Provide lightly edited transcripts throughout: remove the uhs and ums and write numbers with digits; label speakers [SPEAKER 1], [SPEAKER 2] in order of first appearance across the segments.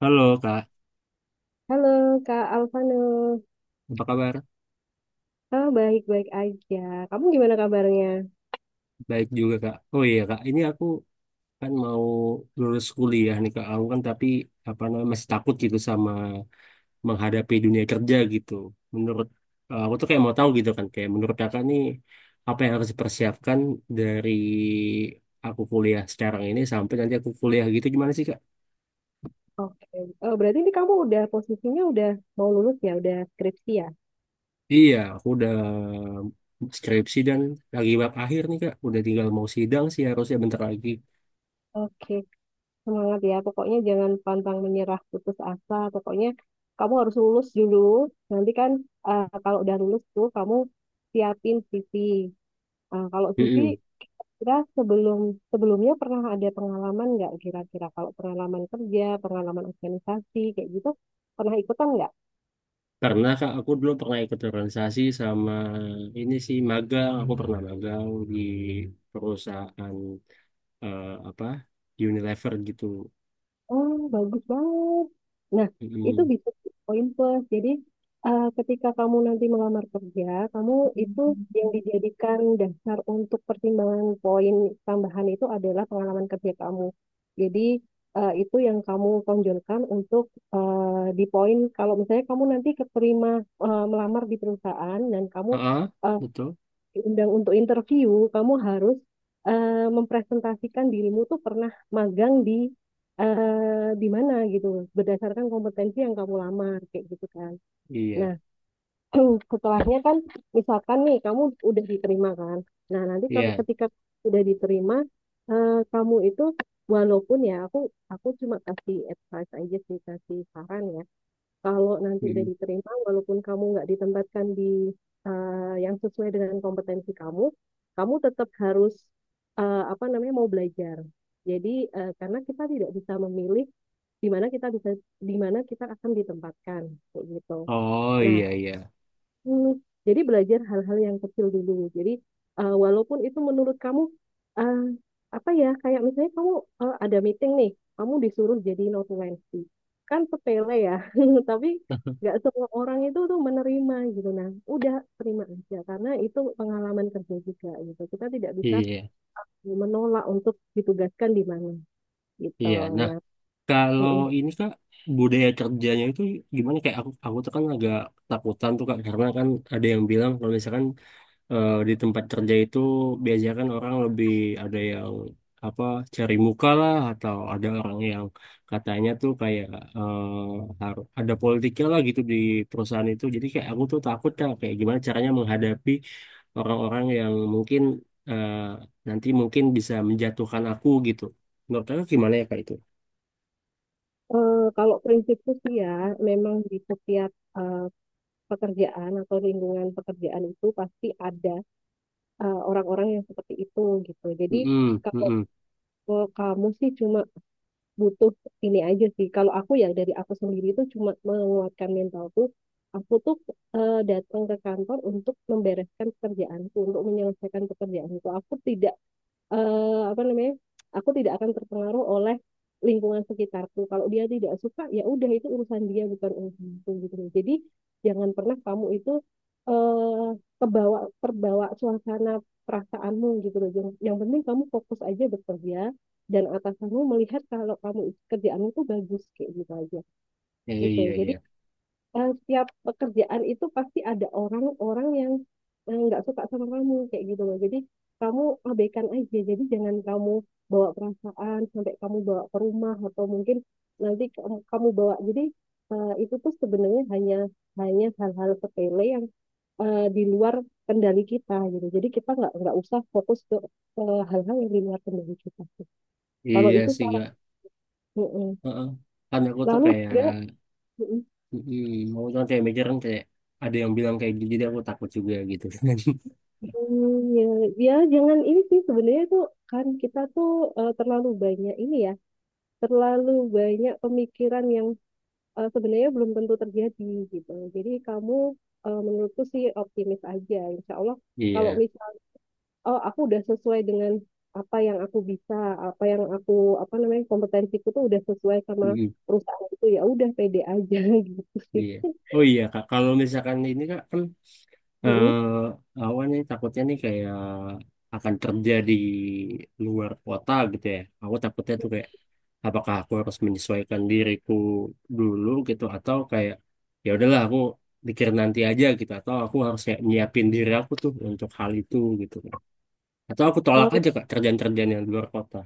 [SPEAKER 1] Halo Kak,
[SPEAKER 2] Halo Kak Alvano.
[SPEAKER 1] apa kabar?
[SPEAKER 2] Oh, baik-baik aja. Kamu gimana kabarnya?
[SPEAKER 1] Baik juga Kak. Oh iya Kak, ini aku kan mau lulus kuliah nih Kak. Aku kan tapi apa namanya masih takut gitu sama menghadapi dunia kerja gitu. Menurut aku tuh kayak mau tahu gitu kan, kayak menurut Kakak nih apa yang harus dipersiapkan dari aku kuliah sekarang ini sampai nanti aku kuliah gitu gimana sih Kak?
[SPEAKER 2] Oke. Oh, berarti ini kamu udah posisinya udah mau lulus ya, udah skripsi ya?
[SPEAKER 1] Iya, aku udah skripsi dan lagi bab akhir nih Kak. Udah tinggal mau sidang sih harusnya bentar lagi.
[SPEAKER 2] Oke, semangat ya. Pokoknya jangan pantang menyerah, putus asa. Pokoknya kamu harus lulus dulu. Nanti kan kalau udah lulus tuh kamu siapin CV. Nah, kalau CV kita sebelumnya pernah ada pengalaman nggak kira-kira? Kalau pengalaman kerja, pengalaman organisasi kayak gitu, pernah ikutan nggak?
[SPEAKER 1] Karena Kak, aku dulu pernah ikut organisasi sama ini sih magang. Aku pernah magang di perusahaan eh, apa Unilever gitu.
[SPEAKER 2] Oh, bagus banget. Nah, itu
[SPEAKER 1] mm
[SPEAKER 2] bisa jadi poin plus. Jadi, ketika kamu nanti melamar kerja, kamu itu yang dijadikan dasar untuk pertimbangan poin tambahan itu adalah pengalaman kerja kamu. Jadi, itu yang kamu tonjolkan untuk di poin. Kalau misalnya kamu nanti keterima melamar di perusahaan dan kamu
[SPEAKER 1] Heeh,
[SPEAKER 2] eh,
[SPEAKER 1] betul.
[SPEAKER 2] diundang untuk interview, kamu harus mempresentasikan dirimu tuh pernah magang di di mana gitu berdasarkan kompetensi yang kamu lamar kayak gitu kan.
[SPEAKER 1] Iya,
[SPEAKER 2] Nah, setelahnya kan misalkan nih kamu udah diterima kan. Nah, nanti kalau
[SPEAKER 1] iya.
[SPEAKER 2] ketika udah diterima kamu itu walaupun ya aku cuma kasih advice aja sih kasih saran ya kalau nanti udah
[SPEAKER 1] mm
[SPEAKER 2] diterima, walaupun kamu nggak ditempatkan di yang sesuai dengan kompetensi kamu, kamu tetap harus apa namanya mau belajar. Jadi karena kita tidak bisa memilih di mana kita bisa di mana kita akan ditempatkan kayak gitu.
[SPEAKER 1] Oh
[SPEAKER 2] Nah,
[SPEAKER 1] iya iya.
[SPEAKER 2] Hmm, jadi belajar hal-hal yang kecil dulu. Jadi walaupun itu menurut kamu eh, apa ya kayak misalnya kamu ada meeting nih, kamu disuruh jadi notulensi. Kan sepele ya, tapi nggak semua orang itu tuh menerima gitu. Nah, udah terima aja karena itu pengalaman kerja juga gitu. Kita tidak bisa
[SPEAKER 1] Iya,
[SPEAKER 2] menolak untuk ditugaskan di mana gitu.
[SPEAKER 1] iya. Nah,
[SPEAKER 2] Nah,
[SPEAKER 1] kalau
[SPEAKER 2] mm-mm.
[SPEAKER 1] ini Kak, budaya kerjanya itu gimana? Kayak aku tuh kan agak takutan tuh Kak, karena kan ada yang bilang kalau misalkan di tempat kerja itu biasanya kan orang lebih ada yang apa cari muka lah atau ada orang yang katanya tuh kayak harus ada politiknya lah gitu di perusahaan itu. Jadi kayak aku tuh takut lah kayak gimana caranya menghadapi orang-orang yang mungkin eh, nanti mungkin bisa menjatuhkan aku gitu. Menurut kamu gimana ya kayak itu?
[SPEAKER 2] Kalau prinsipku sih ya, memang di setiap eh, pekerjaan atau lingkungan pekerjaan itu pasti ada orang-orang yang seperti itu gitu. Jadi
[SPEAKER 1] Mm-mm,
[SPEAKER 2] kalau
[SPEAKER 1] mm-mm.
[SPEAKER 2] kalau kamu sih cuma butuh ini aja sih. Kalau aku ya dari aku sendiri itu cuma menguatkan mentalku. Aku tuh datang ke kantor untuk membereskan pekerjaanku, untuk menyelesaikan pekerjaanku. Aku tidak apa namanya aku tidak akan terpengaruh oleh lingkungan sekitarku kalau dia tidak suka ya udah itu urusan dia bukan urusanku gitu loh. Jadi jangan pernah kamu itu eh kebawa terbawa suasana perasaanmu gitu loh yang penting kamu fokus aja bekerja dan atasanmu melihat kalau kamu kerjaanmu tuh bagus kayak gitu aja
[SPEAKER 1] Iya,
[SPEAKER 2] gitu
[SPEAKER 1] iya,
[SPEAKER 2] jadi
[SPEAKER 1] iya.
[SPEAKER 2] setiap pekerjaan itu pasti ada orang-orang yang nggak suka sama kamu kayak gitu loh. Jadi kamu abaikan aja. Jadi jangan kamu bawa perasaan sampai kamu bawa ke rumah atau mungkin nanti kamu bawa. Jadi itu tuh sebenarnya hanya hanya hal-hal sepele yang di luar kendali kita gitu. Jadi kita nggak usah fokus ke hal-hal yang di luar kendali kita. Kalau
[SPEAKER 1] Iya
[SPEAKER 2] itu
[SPEAKER 1] sih,
[SPEAKER 2] salah.
[SPEAKER 1] Kak.
[SPEAKER 2] Mm-mm.
[SPEAKER 1] Heeh. Kan aku tuh
[SPEAKER 2] Lalu
[SPEAKER 1] kayak
[SPEAKER 2] juga, mm-mm.
[SPEAKER 1] mm-mm. Maksudnya kayak mikir kan kayak ada yang bilang kayak gitu, jadi aku takut juga gitu kan.
[SPEAKER 2] Hmm, ya, ya jangan ini sih sebenarnya tuh kan kita tuh terlalu banyak ini ya, terlalu banyak pemikiran yang sebenarnya belum tentu terjadi gitu. Jadi kamu menurutku sih optimis aja, Insya Allah. Kalau
[SPEAKER 1] Iya,
[SPEAKER 2] misal, oh aku udah sesuai dengan apa yang aku bisa, apa yang aku apa namanya kompetensiku tuh udah sesuai sama
[SPEAKER 1] mm-mm.
[SPEAKER 2] perusahaan itu ya udah pede aja gitu sih.
[SPEAKER 1] Iya. Oh iya kak, kalau misalkan ini kak kan eh
[SPEAKER 2] Mm-mm.
[SPEAKER 1] awan nih takutnya nih kayak akan kerja di luar kota gitu ya. Aku takutnya tuh kayak apakah aku harus menyesuaikan diriku dulu gitu atau kayak ya udahlah aku pikir nanti aja gitu atau aku harus kayak nyiapin diri aku tuh untuk hal itu gitu kan. Atau aku tolak aja kak kerjaan-kerjaan yang di luar kota.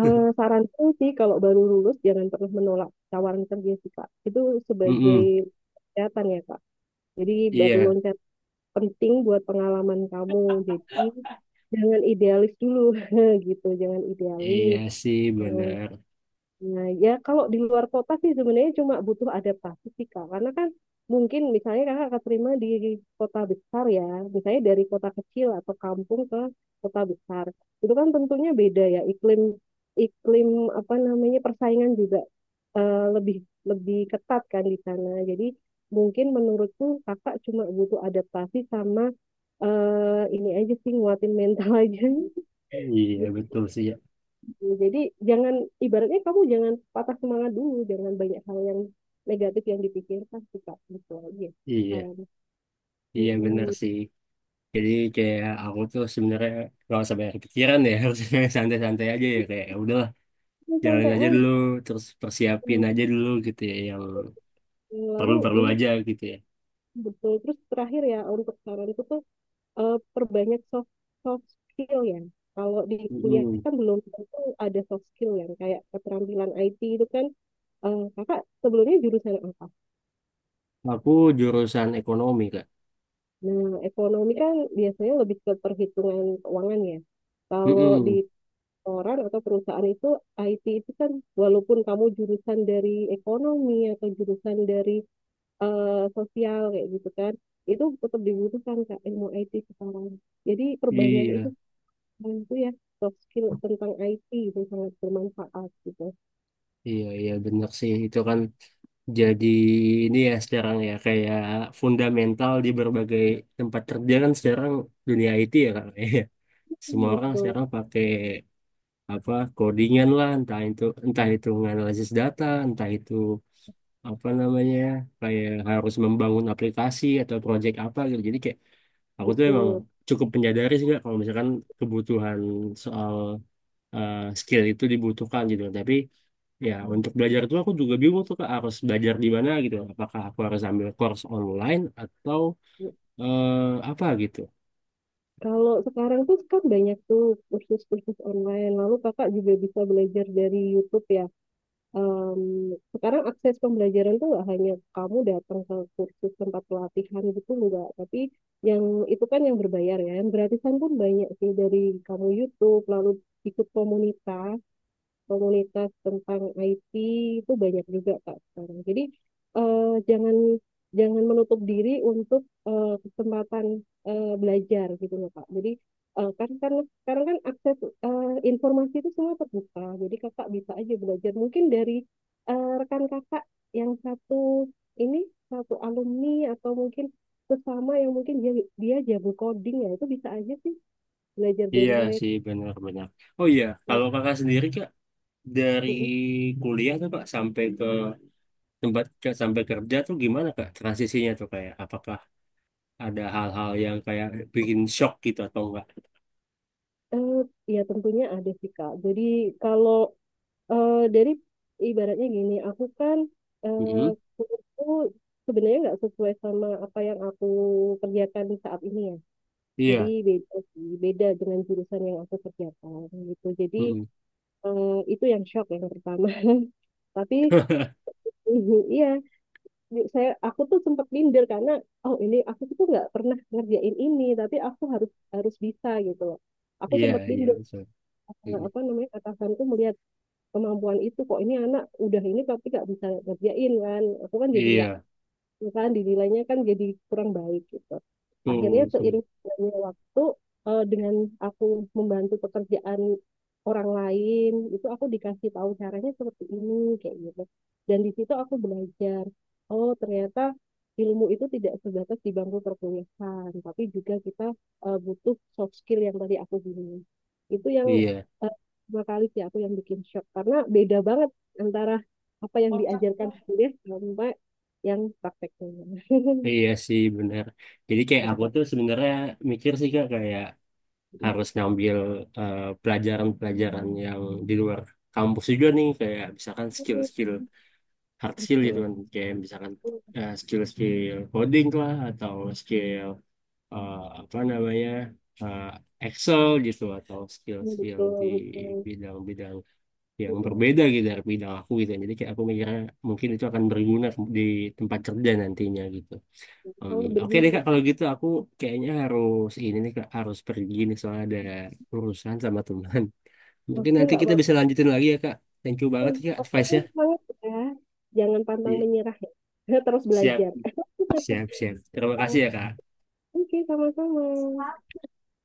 [SPEAKER 2] Saranku sih kalau baru lulus jangan pernah menolak tawaran kerja sih Kak. Itu sebagai
[SPEAKER 1] Mm-mm.
[SPEAKER 2] loncatan ya Kak. Jadi batu
[SPEAKER 1] Iya,
[SPEAKER 2] loncat penting buat pengalaman kamu. Jadi jangan idealis dulu gitu. Jangan
[SPEAKER 1] iya
[SPEAKER 2] idealis.
[SPEAKER 1] sih benar.
[SPEAKER 2] Nah, ya kalau di luar kota sih sebenarnya cuma butuh adaptasi sih Kak. Karena kan mungkin misalnya Kakak keterima di kota besar ya, misalnya dari kota kecil atau kampung ke kota besar. Itu kan tentunya beda ya iklim iklim apa namanya persaingan juga lebih lebih ketat kan di sana. Jadi mungkin menurutku Kakak cuma butuh adaptasi sama ini aja sih nguatin mental aja gitu.
[SPEAKER 1] Iya betul sih ya.
[SPEAKER 2] Ya, jadi jangan ibaratnya kamu jangan patah semangat dulu, jangan banyak hal yang negatif yang dipikirkan sih Kak. Gitu aja.
[SPEAKER 1] Iya,
[SPEAKER 2] Saran.
[SPEAKER 1] iya benar
[SPEAKER 2] Mm-mm.
[SPEAKER 1] sih. Jadi kayak aku tuh sebenarnya nggak usah banyak pikiran ya, harusnya santai-santai aja ya kayak ya udahlah
[SPEAKER 2] Ya,
[SPEAKER 1] jalanin
[SPEAKER 2] santai
[SPEAKER 1] aja dulu,
[SPEAKER 2] aja.
[SPEAKER 1] terus persiapin aja dulu gitu ya yang
[SPEAKER 2] Lalu
[SPEAKER 1] perlu-perlu
[SPEAKER 2] ini
[SPEAKER 1] aja gitu ya.
[SPEAKER 2] betul terus terakhir ya untuk saranku tuh perbanyak soft soft skill ya. Kalau di kuliah
[SPEAKER 1] Mm-mm.
[SPEAKER 2] kan belum tentu ada soft skill yang kayak keterampilan IT itu kan kakak sebelumnya jurusan apa?
[SPEAKER 1] Aku jurusan ekonomi Kak.
[SPEAKER 2] Nah, ekonomi kan biasanya lebih ke perhitungan keuangan ya. Kalau di
[SPEAKER 1] Mm-mm.
[SPEAKER 2] orang atau perusahaan itu IT itu kan walaupun kamu jurusan dari ekonomi atau jurusan dari sosial kayak gitu kan itu tetap dibutuhkan Kak ilmu IT sekarang. Jadi perbanyak itu
[SPEAKER 1] Iya.
[SPEAKER 2] sekarang itu ya soft skill tentang IT itu sangat bermanfaat gitu.
[SPEAKER 1] Iya, iya benar sih. Itu kan jadi ini ya sekarang ya kayak fundamental di berbagai tempat kerja kan sekarang dunia IT ya Kak. Iya. Semua orang
[SPEAKER 2] Betul,
[SPEAKER 1] sekarang pakai apa codingan lah entah itu menganalisis data, entah itu apa namanya ya, kayak harus membangun aplikasi atau project apa gitu. Jadi kayak aku tuh emang
[SPEAKER 2] betul.
[SPEAKER 1] cukup menyadari sih nggak kalau misalkan kebutuhan soal skill itu dibutuhkan gitu. Tapi ya, untuk belajar itu aku juga bingung tuh Kak, harus belajar di mana gitu. Apakah aku harus ambil course online atau apa gitu?
[SPEAKER 2] Kalau sekarang tuh kan banyak tuh kursus-kursus online. Lalu Kakak juga bisa belajar dari YouTube ya. Em, sekarang akses pembelajaran tuh nggak hanya kamu datang ke kursus tempat pelatihan gitu enggak, tapi yang itu kan yang berbayar ya, yang gratisan pun banyak sih dari kamu YouTube, lalu ikut komunitas komunitas tentang IT itu banyak juga Kak sekarang. Jadi eh, jangan jangan menutup diri untuk kesempatan belajar gitu loh Kak. Jadi kan karena sekarang kan akses eh, informasi itu semua terbuka. Jadi kakak bisa aja belajar mungkin dari rekan kakak yang satu ini satu alumni atau mungkin sesama yang mungkin dia dia jago coding ya itu bisa aja sih belajar
[SPEAKER 1] Iya
[SPEAKER 2] dari
[SPEAKER 1] sih, benar-benar. Oh iya,
[SPEAKER 2] mereka.
[SPEAKER 1] kalau kakak sendiri Kak, dari kuliah tuh Kak sampai ke sampai kerja tuh gimana Kak transisinya tuh kayak apakah ada hal-hal yang kayak bikin shock gitu atau enggak?
[SPEAKER 2] Eh, Ya tentunya ada sih Kak. Jadi kalau dari ibaratnya gini, aku kan eh,
[SPEAKER 1] mm
[SPEAKER 2] kuliahku sebenarnya nggak sesuai sama apa yang aku kerjakan saat ini ya. Jadi
[SPEAKER 1] Iya.
[SPEAKER 2] beda sih, beda dengan jurusan yang aku kerjakan gitu. Jadi
[SPEAKER 1] mm
[SPEAKER 2] itu yang shock yang pertama. Tapi mhm, iya, aku tuh sempat minder karena oh ini aku tuh nggak pernah ngerjain ini, tapi aku harus harus bisa gitu loh. Aku
[SPEAKER 1] Iya,
[SPEAKER 2] sempat
[SPEAKER 1] iya
[SPEAKER 2] minder
[SPEAKER 1] betul. mm
[SPEAKER 2] apa namanya atasanku melihat kemampuan itu kok ini anak udah ini tapi nggak bisa ngerjain kan aku kan jadi nggak
[SPEAKER 1] Iya,
[SPEAKER 2] ya kan dinilainya kan jadi kurang baik gitu. Akhirnya
[SPEAKER 1] tuh, tuh.
[SPEAKER 2] seiring berjalannya waktu dengan aku membantu pekerjaan orang lain itu aku dikasih tahu caranya seperti ini kayak gitu. Dan di situ aku belajar, oh ternyata ilmu itu tidak sebatas di bangku perkuliahan, tapi juga kita butuh soft skill yang tadi aku bilang. Itu yang
[SPEAKER 1] Iya.
[SPEAKER 2] eh, dua kali sih aku yang bikin shock karena beda banget antara apa yang diajarkan di kuliah sama yang prakteknya,
[SPEAKER 1] Iya sih bener. Jadi kayak aku
[SPEAKER 2] tetap
[SPEAKER 1] tuh sebenarnya mikir sih kak kayak harus ngambil pelajaran-pelajaran yang di luar kampus juga nih kayak misalkan skill-skill hard skill gitu
[SPEAKER 2] betul
[SPEAKER 1] kan kayak misalkan skill-skill coding lah atau skill eh, apa namanya eh, Excel gitu atau skill-skill
[SPEAKER 2] betul
[SPEAKER 1] di
[SPEAKER 2] betul
[SPEAKER 1] bidang-bidang yang
[SPEAKER 2] Mm-mm.
[SPEAKER 1] berbeda gitu dari bidang aku gitu. Jadi kayak aku mikirnya mungkin itu akan berguna di tempat kerja nantinya gitu. Om.
[SPEAKER 2] Kalau
[SPEAKER 1] Oke deh
[SPEAKER 2] berbunyi
[SPEAKER 1] Kak, kalau gitu aku kayaknya harus ini nih Kak, harus pergi nih soalnya ada urusan sama teman. Mungkin
[SPEAKER 2] oke
[SPEAKER 1] nanti
[SPEAKER 2] nggak
[SPEAKER 1] kita
[SPEAKER 2] apa-apa,
[SPEAKER 1] bisa lanjutin lagi ya Kak. Thank you banget ya Kak
[SPEAKER 2] pokoknya
[SPEAKER 1] advice-nya.
[SPEAKER 2] semangat ya, jangan pantang
[SPEAKER 1] Iya.
[SPEAKER 2] menyerah ya. Terus
[SPEAKER 1] Siap,
[SPEAKER 2] belajar.
[SPEAKER 1] siap, siap. Terima kasih ya Kak.
[SPEAKER 2] Oke, sama-sama.